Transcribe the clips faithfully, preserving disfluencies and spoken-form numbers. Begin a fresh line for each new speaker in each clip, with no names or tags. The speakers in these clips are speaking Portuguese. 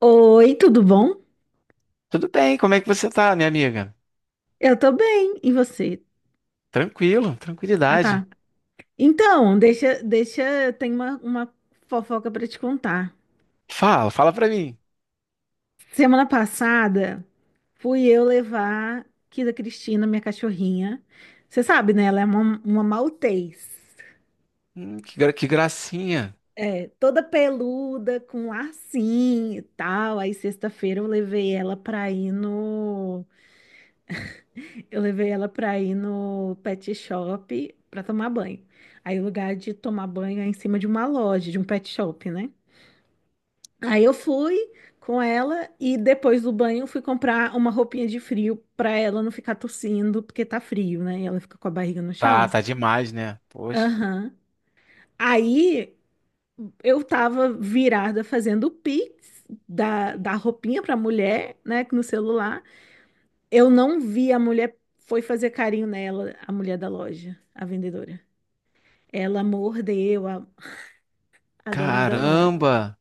Oi, tudo bom?
Tudo bem, como é que você tá, minha amiga?
Eu tô bem. E você?
Tranquilo,
Ah,
tranquilidade.
tá. Então, deixa, deixa, tem uma, uma fofoca pra te contar.
Fala, fala pra mim.
Semana passada, fui eu levar Kida Cristina, minha cachorrinha. Você sabe, né? Ela é uma, uma Maltês.
Hum, que, gra- que gracinha.
É, toda peluda, com lacinho e tal. Aí, sexta-feira, eu levei ela pra ir no Eu levei ela pra ir no pet shop pra tomar banho. Aí o lugar de tomar banho é em cima de uma loja, de um pet shop, né? Aí eu fui com ela e depois do banho fui comprar uma roupinha de frio pra ela não ficar tossindo, porque tá frio, né? E ela fica com a barriga no
Tá,
chão.
tá demais, né? Poxa.
Aham. Aí eu tava virada fazendo o Pix da, da roupinha pra mulher, né? No celular. Eu não vi a mulher, foi fazer carinho nela, a mulher da loja, a vendedora. Ela mordeu a, a dona da loja.
Caramba!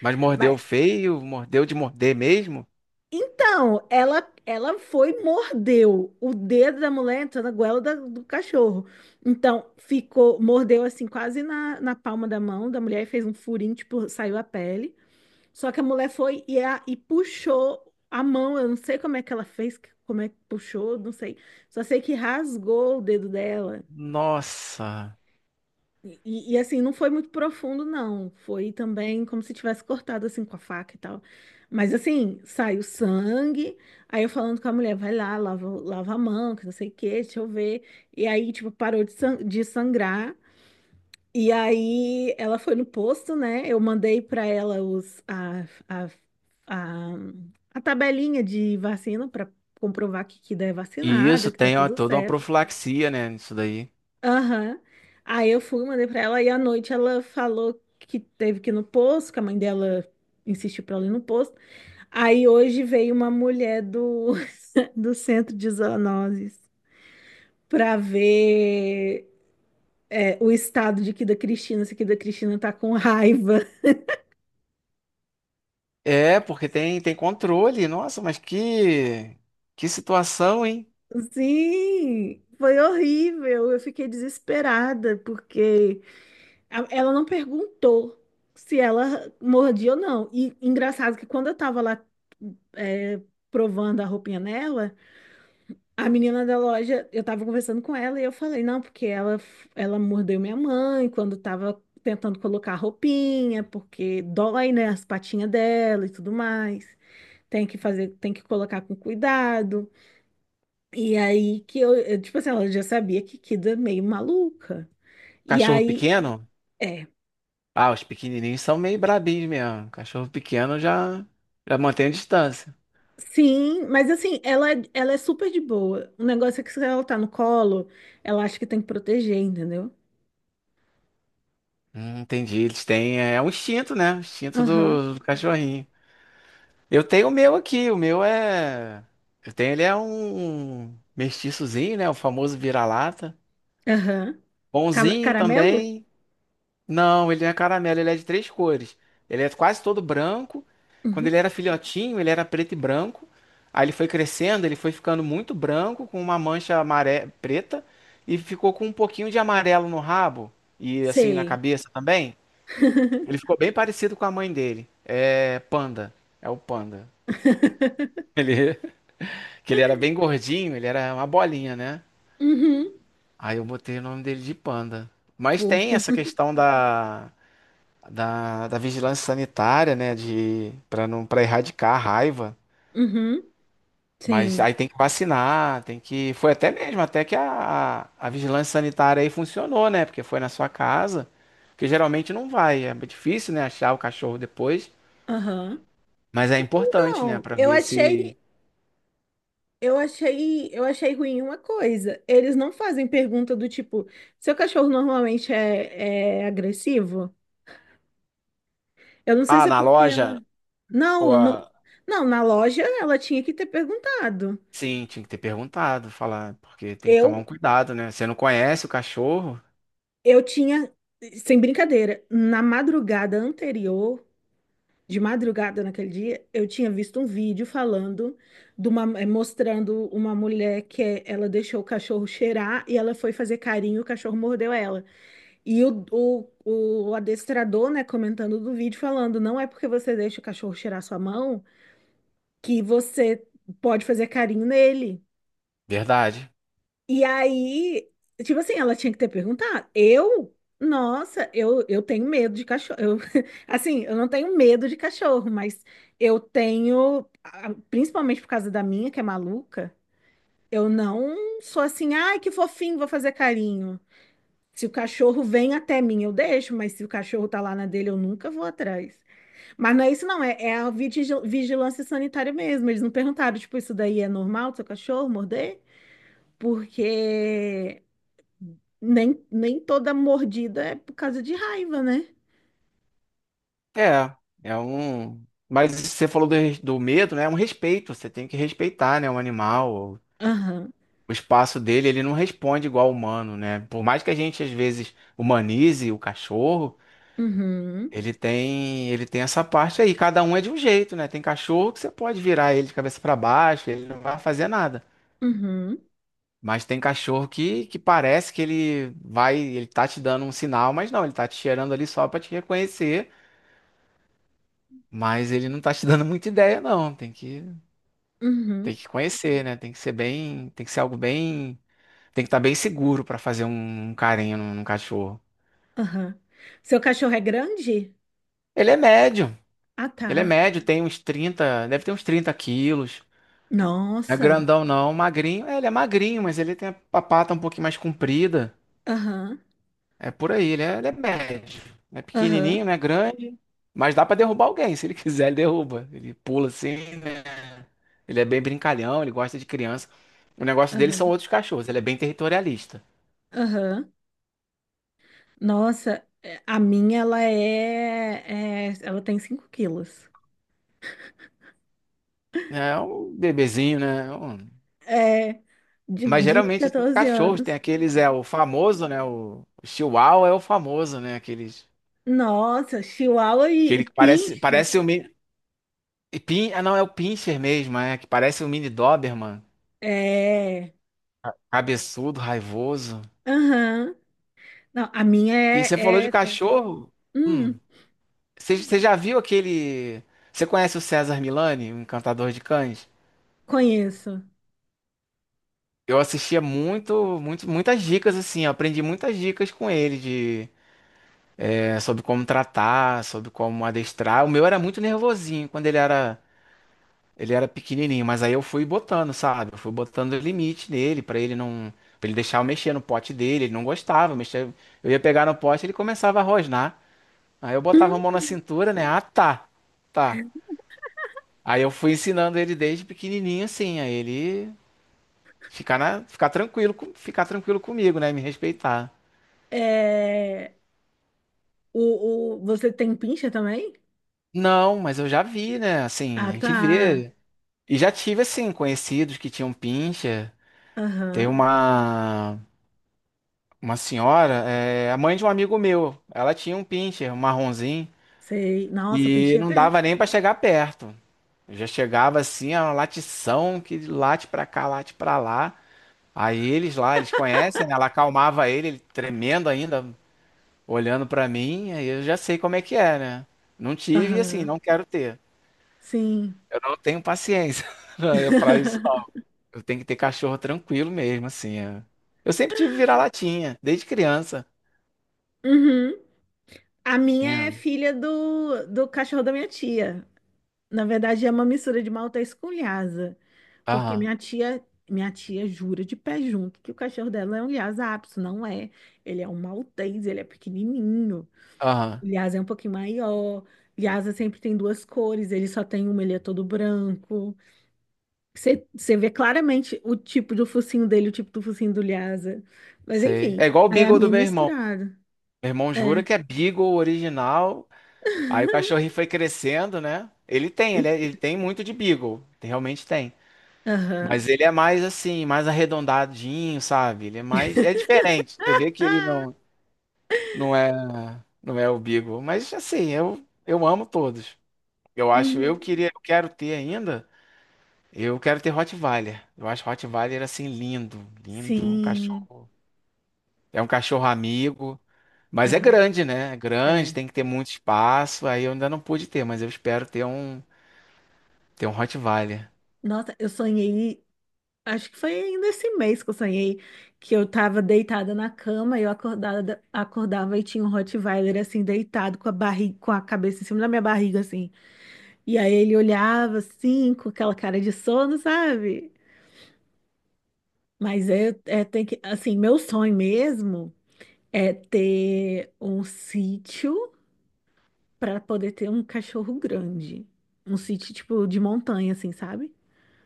Mas mordeu
Mas
feio? Mordeu de morder mesmo?
então, ela ela foi e mordeu o dedo da mulher entrou na goela da- do cachorro. Então, ficou, mordeu assim quase na, na palma da mão da mulher e fez um furinho, tipo, saiu a pele. Só que a mulher foi e, a- e puxou a mão, eu não sei como é que ela fez, como é que puxou, não sei. Só sei que rasgou o dedo dela.
Nossa!
E, e, assim, não foi muito profundo, não. Foi também como se tivesse cortado assim com a faca e tal. Mas assim, saiu sangue. Aí eu falando com a mulher, vai lá, lava, lava a mão, que não sei o quê, deixa eu ver. E aí, tipo, parou de, san- de sangrar. E aí ela foi no posto, né? Eu mandei pra ela os, a, a, a, a tabelinha de vacina pra comprovar que, que é
E isso
vacinada, que tá
tem ó,
tudo
toda uma
certo.
profilaxia, né? Isso daí.
Aham. Aí eu fui, mandei pra ela, e à noite ela falou que teve que ir no posto, que a mãe dela insistiu pra ela ir no posto. Aí hoje veio uma mulher do, do centro de zoonoses pra ver é, o estado de que da Cristina, se que da Cristina tá com raiva.
É, porque tem, tem controle. Nossa, mas que, que situação, hein?
Sim, foi horrível. Eu fiquei desesperada, porque a- ela não perguntou se ela mordia ou não. E engraçado que quando eu tava lá é, provando a roupinha nela, a menina da loja, eu tava conversando com ela e eu falei, não, porque ela, ela mordeu minha mãe quando tava tentando colocar a roupinha, porque dói, né, as patinhas dela e tudo mais. Tem que fazer, tem que colocar com cuidado. E aí que eu, eu, tipo assim, ela já sabia que Kida é meio maluca. E
Cachorro
aí,
pequeno?
é.
Ah, os pequenininhos são meio brabinhos mesmo. Cachorro pequeno já, já mantém a distância.
Sim, mas assim, ela, é- ela é super de boa. O negócio é que se ela tá no colo, ela acha que tem que proteger, entendeu?
Hum, entendi. Eles têm. É é um instinto, né? O instinto
Aham.
do, do cachorrinho. Eu tenho o meu aqui. O meu é. Eu tenho, ele é um mestiçozinho, né? O famoso vira-lata.
Aham. Cara-
Bonzinho
Caramelo?
também. Não, ele não é caramelo, ele é de três cores. Ele é quase todo branco. Quando
Uhum.
ele era filhotinho, ele era preto e branco. Aí ele foi crescendo, ele foi ficando muito branco, com uma mancha amare... preta. E ficou com um pouquinho de amarelo no rabo. E assim na
Sei.
cabeça também. Ele ficou bem parecido com a mãe dele. É Panda. É o Panda. Ele, que ele era bem gordinho, ele era uma bolinha, né?
Uhum.
Aí eu botei o nome dele de Panda. Mas tem
Fofo.
essa questão da, da, da vigilância sanitária, né? De, para não, para erradicar a raiva.
Uhum.
Mas
Sim.
aí tem que vacinar, tem que. Foi até mesmo, até que a, a vigilância sanitária aí funcionou, né? Porque foi na sua casa. Porque geralmente não vai. É difícil, né? Achar o cachorro depois.
Aham.
Mas é importante, né?
Então,
Para
eu
ver se.
achei, eu achei, eu achei ruim uma coisa. Eles não fazem pergunta do tipo, seu cachorro normalmente é, é agressivo? Eu não sei
Ah,
se é
na
porque ela.
loja? Ou
Não, no-
a-
não, na loja ela tinha que ter perguntado.
Sim, tinha que ter perguntado, falar, porque tem que tomar
Eu,
um cuidado, né? Você não conhece o cachorro?
eu tinha, sem brincadeira, na madrugada anterior. De madrugada naquele dia, eu tinha visto um vídeo falando de uma, eh, mostrando uma mulher que eh, ela deixou o cachorro cheirar e ela foi fazer carinho, o cachorro mordeu ela. E o, o, o adestrador, né, comentando do vídeo, falando, não é porque você deixa o cachorro cheirar sua mão que você pode fazer carinho nele.
Verdade.
E aí, tipo assim, ela tinha que ter perguntado. Eu, nossa, eu, eu tenho medo de cachorro. Eu, assim, eu não tenho medo de cachorro, mas eu tenho, a- principalmente por causa da minha, que é maluca, eu não sou assim, ai, que fofinho, vou fazer carinho. Se o cachorro vem até mim, eu deixo, mas se o cachorro tá lá na dele, eu nunca vou atrás. Mas não é isso, não, é, é a vigil- vigilância sanitária mesmo. Eles não perguntaram, tipo, isso daí é normal do seu cachorro morder? Porque. Nem, nem toda mordida é por causa de raiva, né?
É, é um. Mas você falou do, res- do medo, né? É um respeito, você tem que respeitar, né? O animal,
Aham.
o espaço dele, ele não responde igual ao humano, né? Por mais que a gente, às vezes, humanize o cachorro,
Uhum.
ele tem, ele tem essa parte aí. Cada um é de um jeito, né? Tem cachorro que você pode virar ele de cabeça para baixo, ele não vai fazer nada.
Uhum.
Mas tem cachorro que, que parece que ele vai, ele tá te dando um sinal, mas não, ele tá te cheirando ali só pra te reconhecer, mas ele não tá te dando muita ideia, não. Tem que, tem
Uhum.
que conhecer, né? Tem que ser bem, tem que ser algo bem, tem que estar bem seguro pra fazer um, um carinho num, num cachorro.
Aham. Seu cachorro é grande?
Ele é médio,
Ah,
ele é
tá.
médio, tem uns trinta deve ter uns trinta quilos. Não é
Nossa.
grandão não, magrinho, é, ele é magrinho, mas ele tem a pata um pouquinho mais comprida.
Aham.
É por aí, ele é, ele é médio. Não é
Aham.
pequenininho, não é grande, mas dá pra derrubar alguém. Se ele quiser, ele derruba. Ele pula assim, né? Ele é bem brincalhão, ele gosta de criança. O negócio dele são
Aham.
outros cachorros, ele é bem territorialista.
Aham. Nossa, é, a minha, ela é, é- ela tem cinco quilos.
É um bebezinho, né? É Um-
É. De,
Mas
de
geralmente esses
quatorze
cachorros tem
anos.
aqueles, é o famoso, né? O, o Chihuahua é o famoso, né? Aqueles,
Nossa, Chihuahua e, e
aquele que parece,
Pinche.
parece um mini. E Pin, ah, não, é o Pinscher mesmo, é, que parece um mini Doberman.
É.
Cabeçudo, raivoso.
Aham. Não, a minha
E você falou
é,
de
é... tensa.
cachorro? Hum.
Hum.
Você você já viu aquele. Você conhece o César Milani, o encantador de cães?
Conheço.
Eu assistia muito, muito, muitas dicas assim, eu aprendi muitas dicas com ele de é, sobre como tratar, sobre como adestrar. O meu era muito nervosinho quando ele era ele era pequenininho, mas aí eu fui botando, sabe? Eu fui botando limite nele pra ele não pra ele deixar eu mexer no pote dele, ele não gostava, eu mexia, eu ia pegar no pote, ele começava a rosnar. Aí eu botava a
Hum,
mão na cintura, né? Ah, tá. Tá. Aí eu fui ensinando ele desde pequenininho, assim, a ele ficar na, ficar tranquilo, com- ficar tranquilo comigo, né, me respeitar.
é, o, o, você tem pincha também?
Não, mas eu já vi, né, assim,
Ah,
a gente
tá.
vê. E já tive, assim, conhecidos que tinham pincha. Tem
Aham.
uma, uma senhora, é, a mãe de um amigo meu, ela tinha um pincher, um marronzinho,
Sei. Nossa,
e
pincha é
não
tenso.
dava nem pra chegar perto. Eu já chegava, assim, a uma latição que late pra cá, late pra lá. Aí eles lá, eles conhecem, né? Ela acalmava ele, ele tremendo ainda, olhando pra mim, aí eu já sei como é que é, né. Não tive e, assim,
Aham.
não quero ter.
Sim.
Eu não tenho paciência pra isso não. Eu tenho que ter cachorro tranquilo mesmo, assim, é. Eu sempre tive vira-latinha, desde criança.
Uhum. A minha é
Tinha.
filha do, do cachorro da minha tia. Na verdade, é uma mistura de Maltês com Lhasa. Porque
Aham,
minha tia, minha tia jura de pé junto que o cachorro dela é um Lhasa Apso. Não é. Ele é um Maltês, ele é pequenininho.
aham,
O Lhasa é um pouquinho maior. Lhasa sempre tem duas cores, ele só tem uma, ele é todo branco. Você você vê claramente o tipo do focinho dele, o tipo do focinho do Lhasa. Mas
sei.
enfim,
É igual o
aí é a
Beagle do
minha
meu irmão.
misturada.
Meu irmão jura
É,
que é Beagle original, aí o cachorrinho foi crescendo, né. Ele tem, ele é ele tem muito de Beagle, realmente tem.
aham.
Mas ele é mais, assim, mais arredondadinho, sabe, ele é mais é diferente, você vê que ele
Ah,
não. Não é, não é o Beagle, mas assim, eu, eu amo todos. Eu acho, eu
uhum.
queria, eu quero ter ainda, eu quero ter Rottweiler. Eu acho Rottweiler assim lindo, lindo, um
Sim,
cachorro. É um cachorro amigo, mas é
aham,
grande, né? É grande,
é.
tem que ter muito espaço. Aí eu ainda não pude ter, mas eu espero ter um, ter um Rottweiler.
Nossa, eu sonhei, acho que foi ainda esse mês que eu sonhei, que eu tava deitada na cama e eu acordada, acordava e tinha um Rottweiler assim, deitado com a barriga, com a cabeça em cima da minha barriga, assim. E aí ele olhava assim, com aquela cara de sono, sabe? Mas é, é tem que, assim, meu sonho mesmo é ter um sítio para poder ter um cachorro grande. Um sítio tipo de montanha, assim, sabe?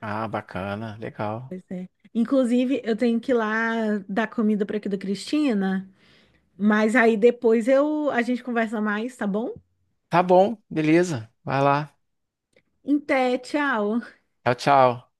Ah, bacana, legal.
Inclusive, eu tenho que ir lá dar comida para aqui da Cristina, mas aí depois eu a gente conversa mais, tá bom?
Tá bom, beleza. Vai lá.
Até té, tchau.
Tchau, tchau.